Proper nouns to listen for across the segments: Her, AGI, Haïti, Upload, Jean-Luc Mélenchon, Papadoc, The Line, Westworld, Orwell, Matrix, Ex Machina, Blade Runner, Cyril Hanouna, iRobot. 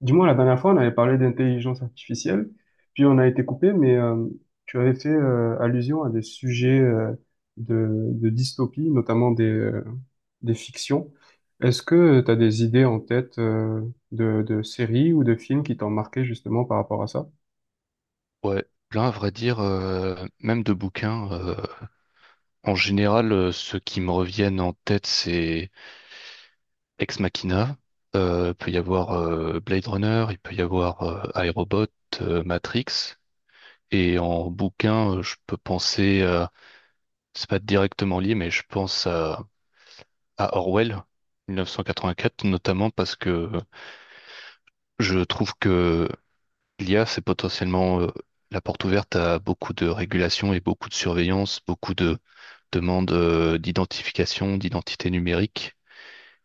Du moins, la dernière fois, on avait parlé d'intelligence artificielle, puis on a été coupé, mais tu avais fait allusion à des sujets de dystopie, notamment des fictions. Est-ce que tu as des idées en tête de séries ou de films qui t'ont marqué justement par rapport à ça? Ouais, plein à vrai dire, même de bouquins, en général, ceux qui me reviennent en tête, c'est Ex Machina. Il peut y avoir Blade Runner, il peut y avoir iRobot, Matrix. Et en bouquin, je peux penser, c'est pas directement lié, mais je pense à Orwell, 1984, notamment parce que je trouve que l'IA, c'est potentiellement la porte ouverte à beaucoup de régulation et beaucoup de surveillance, beaucoup de demande d'identification, d'identité numérique.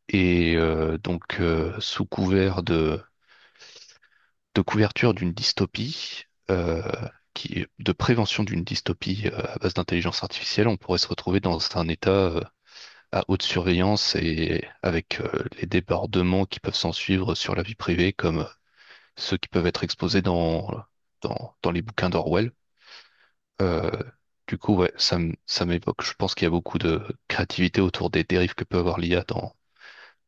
Et donc, sous couvert de, couverture d'une dystopie, euh, de prévention d'une dystopie à base d'intelligence artificielle, on pourrait se retrouver dans un état à haute surveillance et avec les débordements qui peuvent s'en suivre sur la vie privée, comme ceux qui peuvent être exposés dans, dans les bouquins d'Orwell. Euh, du coup, ouais, ça m'évoque. Je pense qu'il y a beaucoup de créativité autour des dérives que peut avoir l'IA dans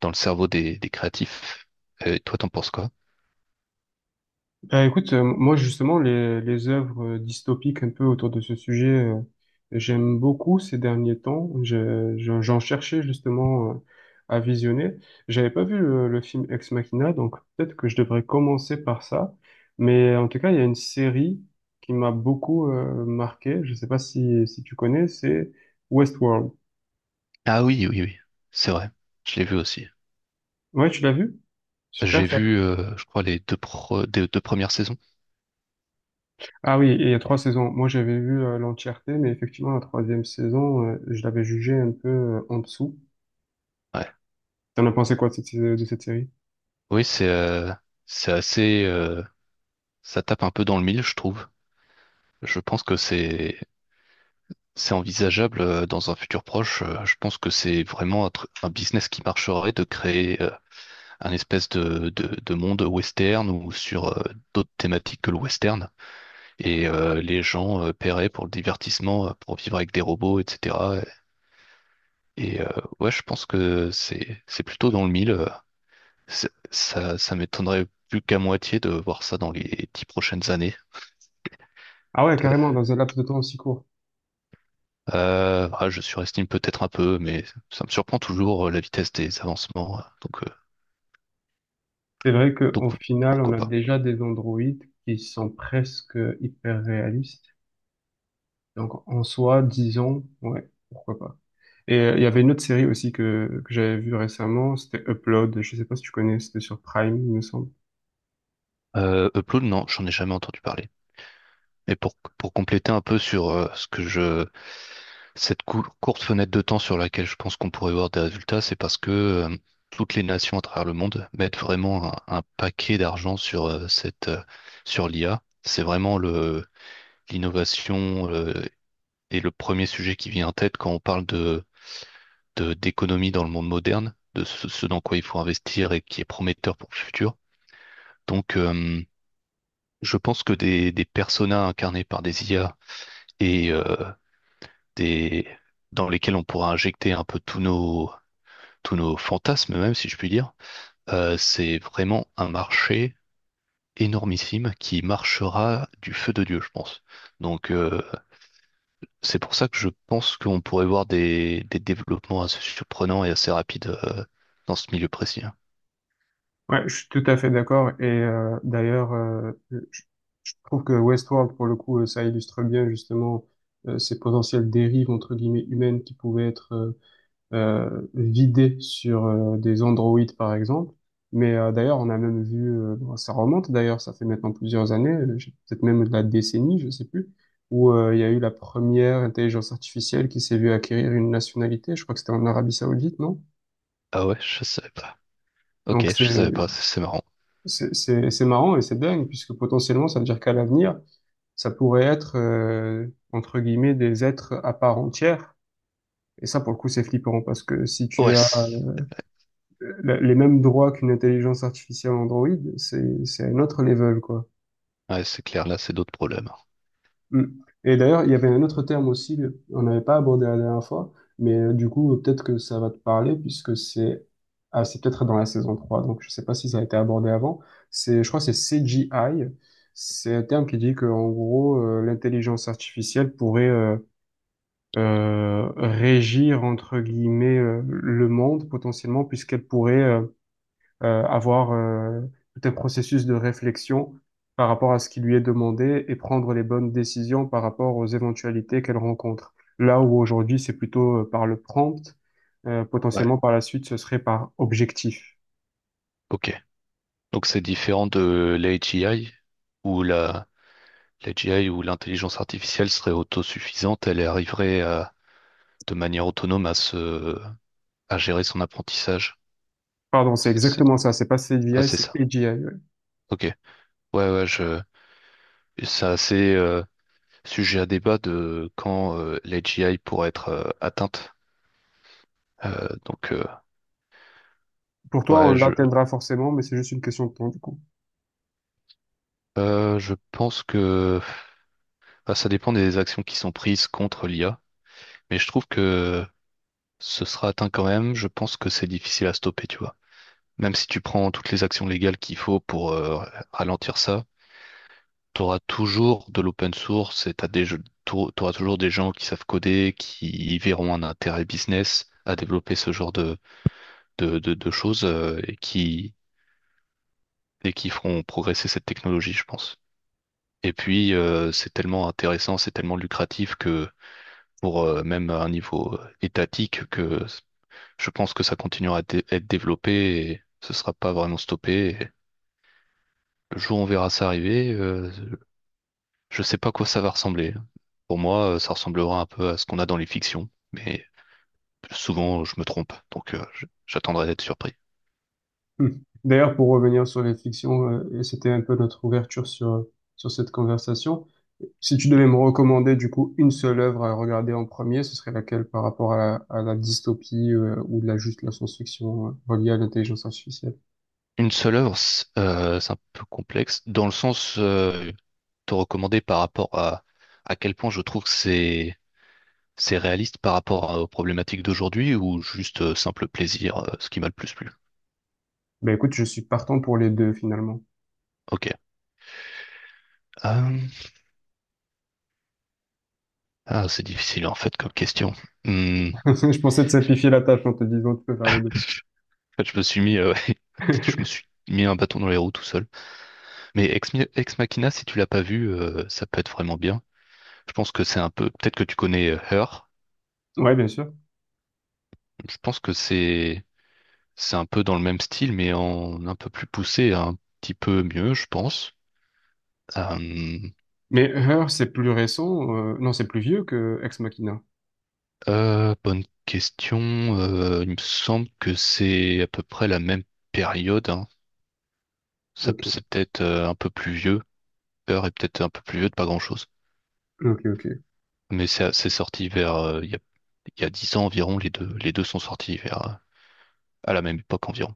le cerveau des, créatifs. Et toi, t'en penses quoi? Bah, écoute, moi justement, les œuvres dystopiques un peu autour de ce sujet, j'aime beaucoup ces derniers temps. J'en cherchais justement à visionner. J'avais pas vu le film Ex Machina, donc peut-être que je devrais commencer par ça. Mais en tout cas, il y a une série qui m'a beaucoup marqué. Je sais pas si tu connais, c'est Westworld. Ah oui, oui, oui, c'est vrai. Je l'ai vu aussi. Ouais, tu l'as vu? Super J'ai ça. vu, je crois, des deux premières saisons. Ah oui, et il y a trois Et- saisons. Moi, j'avais vu l'entièreté, mais effectivement, la troisième saison, je l'avais jugée un peu en dessous. Ouais. T'en as pensé quoi de cette série? Oui, c'est assez. Ça tape un peu dans le mille, je trouve. Je pense que c'est envisageable dans un futur proche. Je pense que c'est vraiment un business qui marcherait de créer un espèce de, monde western ou sur d'autres thématiques que le western. Et les gens paieraient pour le divertissement, pour vivre avec des robots, etc. Et ouais, je pense que c'est plutôt dans le mille. Ça, m'étonnerait plus qu'à moitié de voir ça dans les dix prochaines années. Ah ouais, carrément, dans un laps de temps aussi court. Je surestime peut-être un peu, mais ça me surprend toujours la vitesse des avancements. euh, Donc, euh, C'est vrai donc qu'au final, on pourquoi a pas. déjà des androïdes qui sont presque hyper réalistes. Donc, en soi, disons, ouais, pourquoi pas. Et il y avait une autre série aussi que j'avais vue récemment, c'était Upload. Je sais pas si tu connais, c'était sur Prime, il me semble. Upload, non, j'en ai jamais entendu parler. Et pour compléter un peu sur ce que je cette courte fenêtre de temps sur laquelle je pense qu'on pourrait voir des résultats, c'est parce que toutes les nations à travers le monde mettent vraiment un paquet d'argent sur cette sur l'IA. C'est vraiment le l'innovation et le premier sujet qui vient en tête quand on parle d'économie dans le monde moderne, de ce, dans quoi il faut investir et qui est prometteur pour le futur. Donc, je pense que des personas incarnés par des IA et des dans lesquels on pourra injecter un peu tous nos fantasmes même, si je puis dire. C'est vraiment un marché énormissime qui marchera du feu de Dieu, je pense. Donc c'est pour ça que je pense qu'on pourrait voir des, développements assez surprenants et assez rapides dans ce milieu précis, hein. Ouais, je suis tout à fait d'accord. Et d'ailleurs, je trouve que Westworld, pour le coup, ça illustre bien justement ces potentielles dérives entre guillemets humaines qui pouvaient être vidées sur des androïdes, par exemple. Mais d'ailleurs, on a même vu, bon, ça remonte d'ailleurs, ça fait maintenant plusieurs années, peut-être même de la décennie, je sais plus, où il y a eu la première intelligence artificielle qui s'est vue acquérir une nationalité. Je crois que c'était en Arabie Saoudite, non? Ah ouais, je savais pas. Ok, Donc c'est je savais pas, c'est marrant. C'est c'est- c'est marrant et c'est dingue, puisque potentiellement, ça veut dire qu'à l'avenir, ça pourrait être, entre guillemets, des êtres à part entière. Et ça, pour le coup, c'est flippant, parce que si tu as OS. Les mêmes droits qu'une intelligence artificielle Android, c'est un autre level, quoi. Ouais, c'est clair, là, c'est d'autres problèmes. Mm. Et d'ailleurs, il y avait un autre terme aussi, on n'avait pas abordé la dernière fois, mais du coup, peut-être que ça va te parler, puisque c'est peut-être dans la saison 3, donc je sais pas si ça a été abordé avant. Je crois que c'est CGI. C'est un terme qui dit que, en gros, l'intelligence artificielle pourrait régir, entre guillemets, le monde potentiellement, puisqu'elle pourrait avoir tout un processus de réflexion par rapport à ce qui lui est demandé et prendre les bonnes décisions par rapport aux éventualités qu'elle rencontre. Là où aujourd'hui, c'est plutôt par le prompt, Ouais. potentiellement par la suite, ce serait par objectif. Ok. Donc c'est différent de l'AGI où la l'AGI où l'intelligence artificielle serait autosuffisante, elle arriverait de manière autonome à gérer son apprentissage. Pardon, c'est C'est- c'est- exactement ça, c'est pas Ah, CDI, c'est c'est ça. AGI. Ouais. Ok. Ouais, ouais, je c'est assez sujet à débat de quand l'AGI pourrait être atteinte. Euh, donc euh, Pour toi, on ouais, l'atteindra forcément, mais c'est juste une question de temps, du coup. Je pense que enfin, ça dépend des actions qui sont prises contre l'IA, mais je trouve que ce sera atteint quand même. Je pense que c'est difficile à stopper, tu vois. Même si tu prends toutes les actions légales qu'il faut pour ralentir ça, tu auras toujours de l'open source et t'as des jeux, t'auras toujours des gens qui savent coder, qui y verront un intérêt business à développer ce genre de, choses et qui, feront progresser cette technologie, je pense. Et puis, c'est tellement intéressant, c'est tellement lucratif que pour même à un niveau étatique que je pense que ça continuera à être développé et ce sera pas vraiment stoppé. Et le jour où on verra ça arriver, je sais pas à quoi ça va ressembler. Pour moi, ça ressemblera un peu à ce qu'on a dans les fictions, mais souvent je me trompe, donc j'attendrai d'être surpris. Hmm. D'ailleurs, pour revenir sur les fictions, et c'était un peu notre ouverture sur cette conversation, si tu devais me recommander du coup une seule œuvre à regarder en premier, ce serait laquelle par rapport à la dystopie ou de la juste la science-fiction reliée à l'intelligence artificielle? Une seule œuvre, c'est un peu complexe, dans le sens te recommander par rapport à quel point je trouve que c'est... C'est réaliste par rapport aux problématiques d'aujourd'hui ou juste simple plaisir, ce qui m'a le plus plu? Ben écoute, je suis partant pour les deux finalement. Ok. Euh, Ah, c'est difficile en fait comme question. Hmm. En Je pensais te simplifier la tâche en te disant tu peux faire les deux. fait, je me suis mis, je me suis mis un bâton dans les roues tout seul. Mais Ex Machina, si tu l'as pas vu, ça peut être vraiment bien. Je pense que c'est un peu, peut-être que tu connais Her. Ouais, bien sûr. Je pense que c'est un peu dans le même style, mais en un peu plus poussé, un petit peu mieux, je pense. Euh, Mais Her, c'est plus récent, non, c'est plus vieux que Ex Machina. Bonne question. Il me semble que c'est à peu près la même période, hein. Ça, Ok, c'est peut-être un peu plus vieux. Peur est peut-être un peu plus vieux de pas grand-chose. ok, ok. Mais c'est sorti vers il y a 10 ans environ. Les deux sont sortis vers à la même époque environ.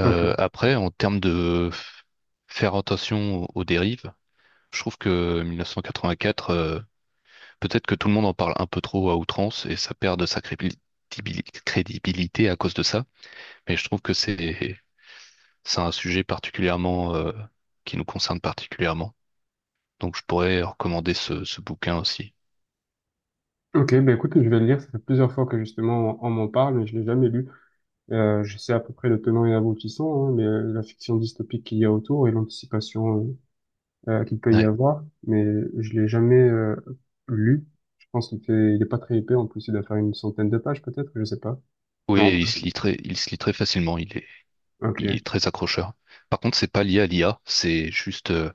Ok. Après, en termes de faire attention aux, dérives, je trouve que 1984, peut-être que tout le monde en parle un peu trop à outrance et ça perd de sa crédibilité à cause de ça. Mais je trouve que c'est un sujet particulièrement qui nous concerne particulièrement. Donc je pourrais recommander ce, bouquin aussi. Ok, bah écoute, je vais le lire. Ça fait plusieurs fois que justement on m'en parle, mais je l'ai jamais lu. Je sais à peu près le tenant et aboutissant, hein, mais la fiction dystopique qu'il y a autour et l'anticipation qu'il peut y Ouais. avoir, mais je l'ai jamais lu. Je pense qu'il fait, il est pas très épais. En plus, il doit faire une centaine de pages peut-être, je sais pas. Non, Oui, il se lit très facilement. Il ok. est très accrocheur. Par contre, c'est pas lié à l'IA, c'est juste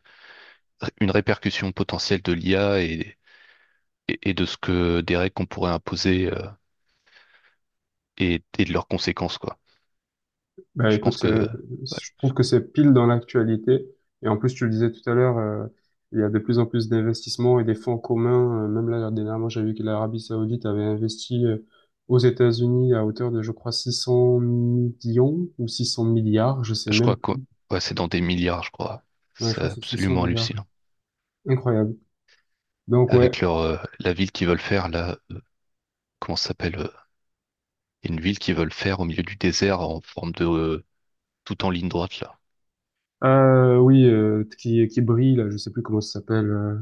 une répercussion potentielle de l'IA et, de ce que des règles qu'on pourrait imposer et, de leurs conséquences, quoi. Bah Je pense écoute, que, ouais, je trouve que c'est pile dans l'actualité. Et en plus, tu le disais tout à l'heure, il y a de plus en plus d'investissements et des fonds communs. Même là, dernièrement, j'ai vu que l'Arabie Saoudite avait investi aux États-Unis à hauteur de, je crois, 600 millions ou 600 milliards, je sais je même. crois que ouais, c'est dans des milliards, je crois. Ouais, je C'est crois que c'est 600 absolument milliards. hallucinant. Incroyable. Donc ouais, Avec leur la ville qu'ils veulent faire, là, comment ça s'appelle? Il y a une ville qu'ils veulent faire au milieu du désert en forme de tout en ligne droite là. Oui, qui brille là, je sais plus comment ça s'appelle.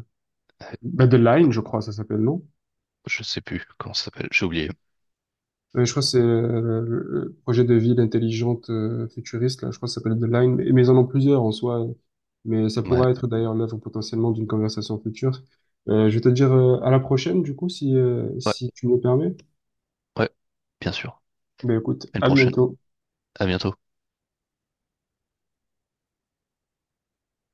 Line, je crois, ça s'appelle, non? Je sais plus comment ça s'appelle, j'ai oublié. Ouais, je crois que c'est le projet de ville intelligente futuriste, là, je crois que ça s'appelle The Line, mais ils en ont plusieurs en soi, mais ça Ouais, pourra être d'ailleurs l'œuvre potentiellement d'une conversation future. Je vais te dire à la prochaine, du coup, si, euh, ouais, si tu me le permets. ouais, bien sûr. Ben écoute, À une à prochaine. bientôt. À bientôt.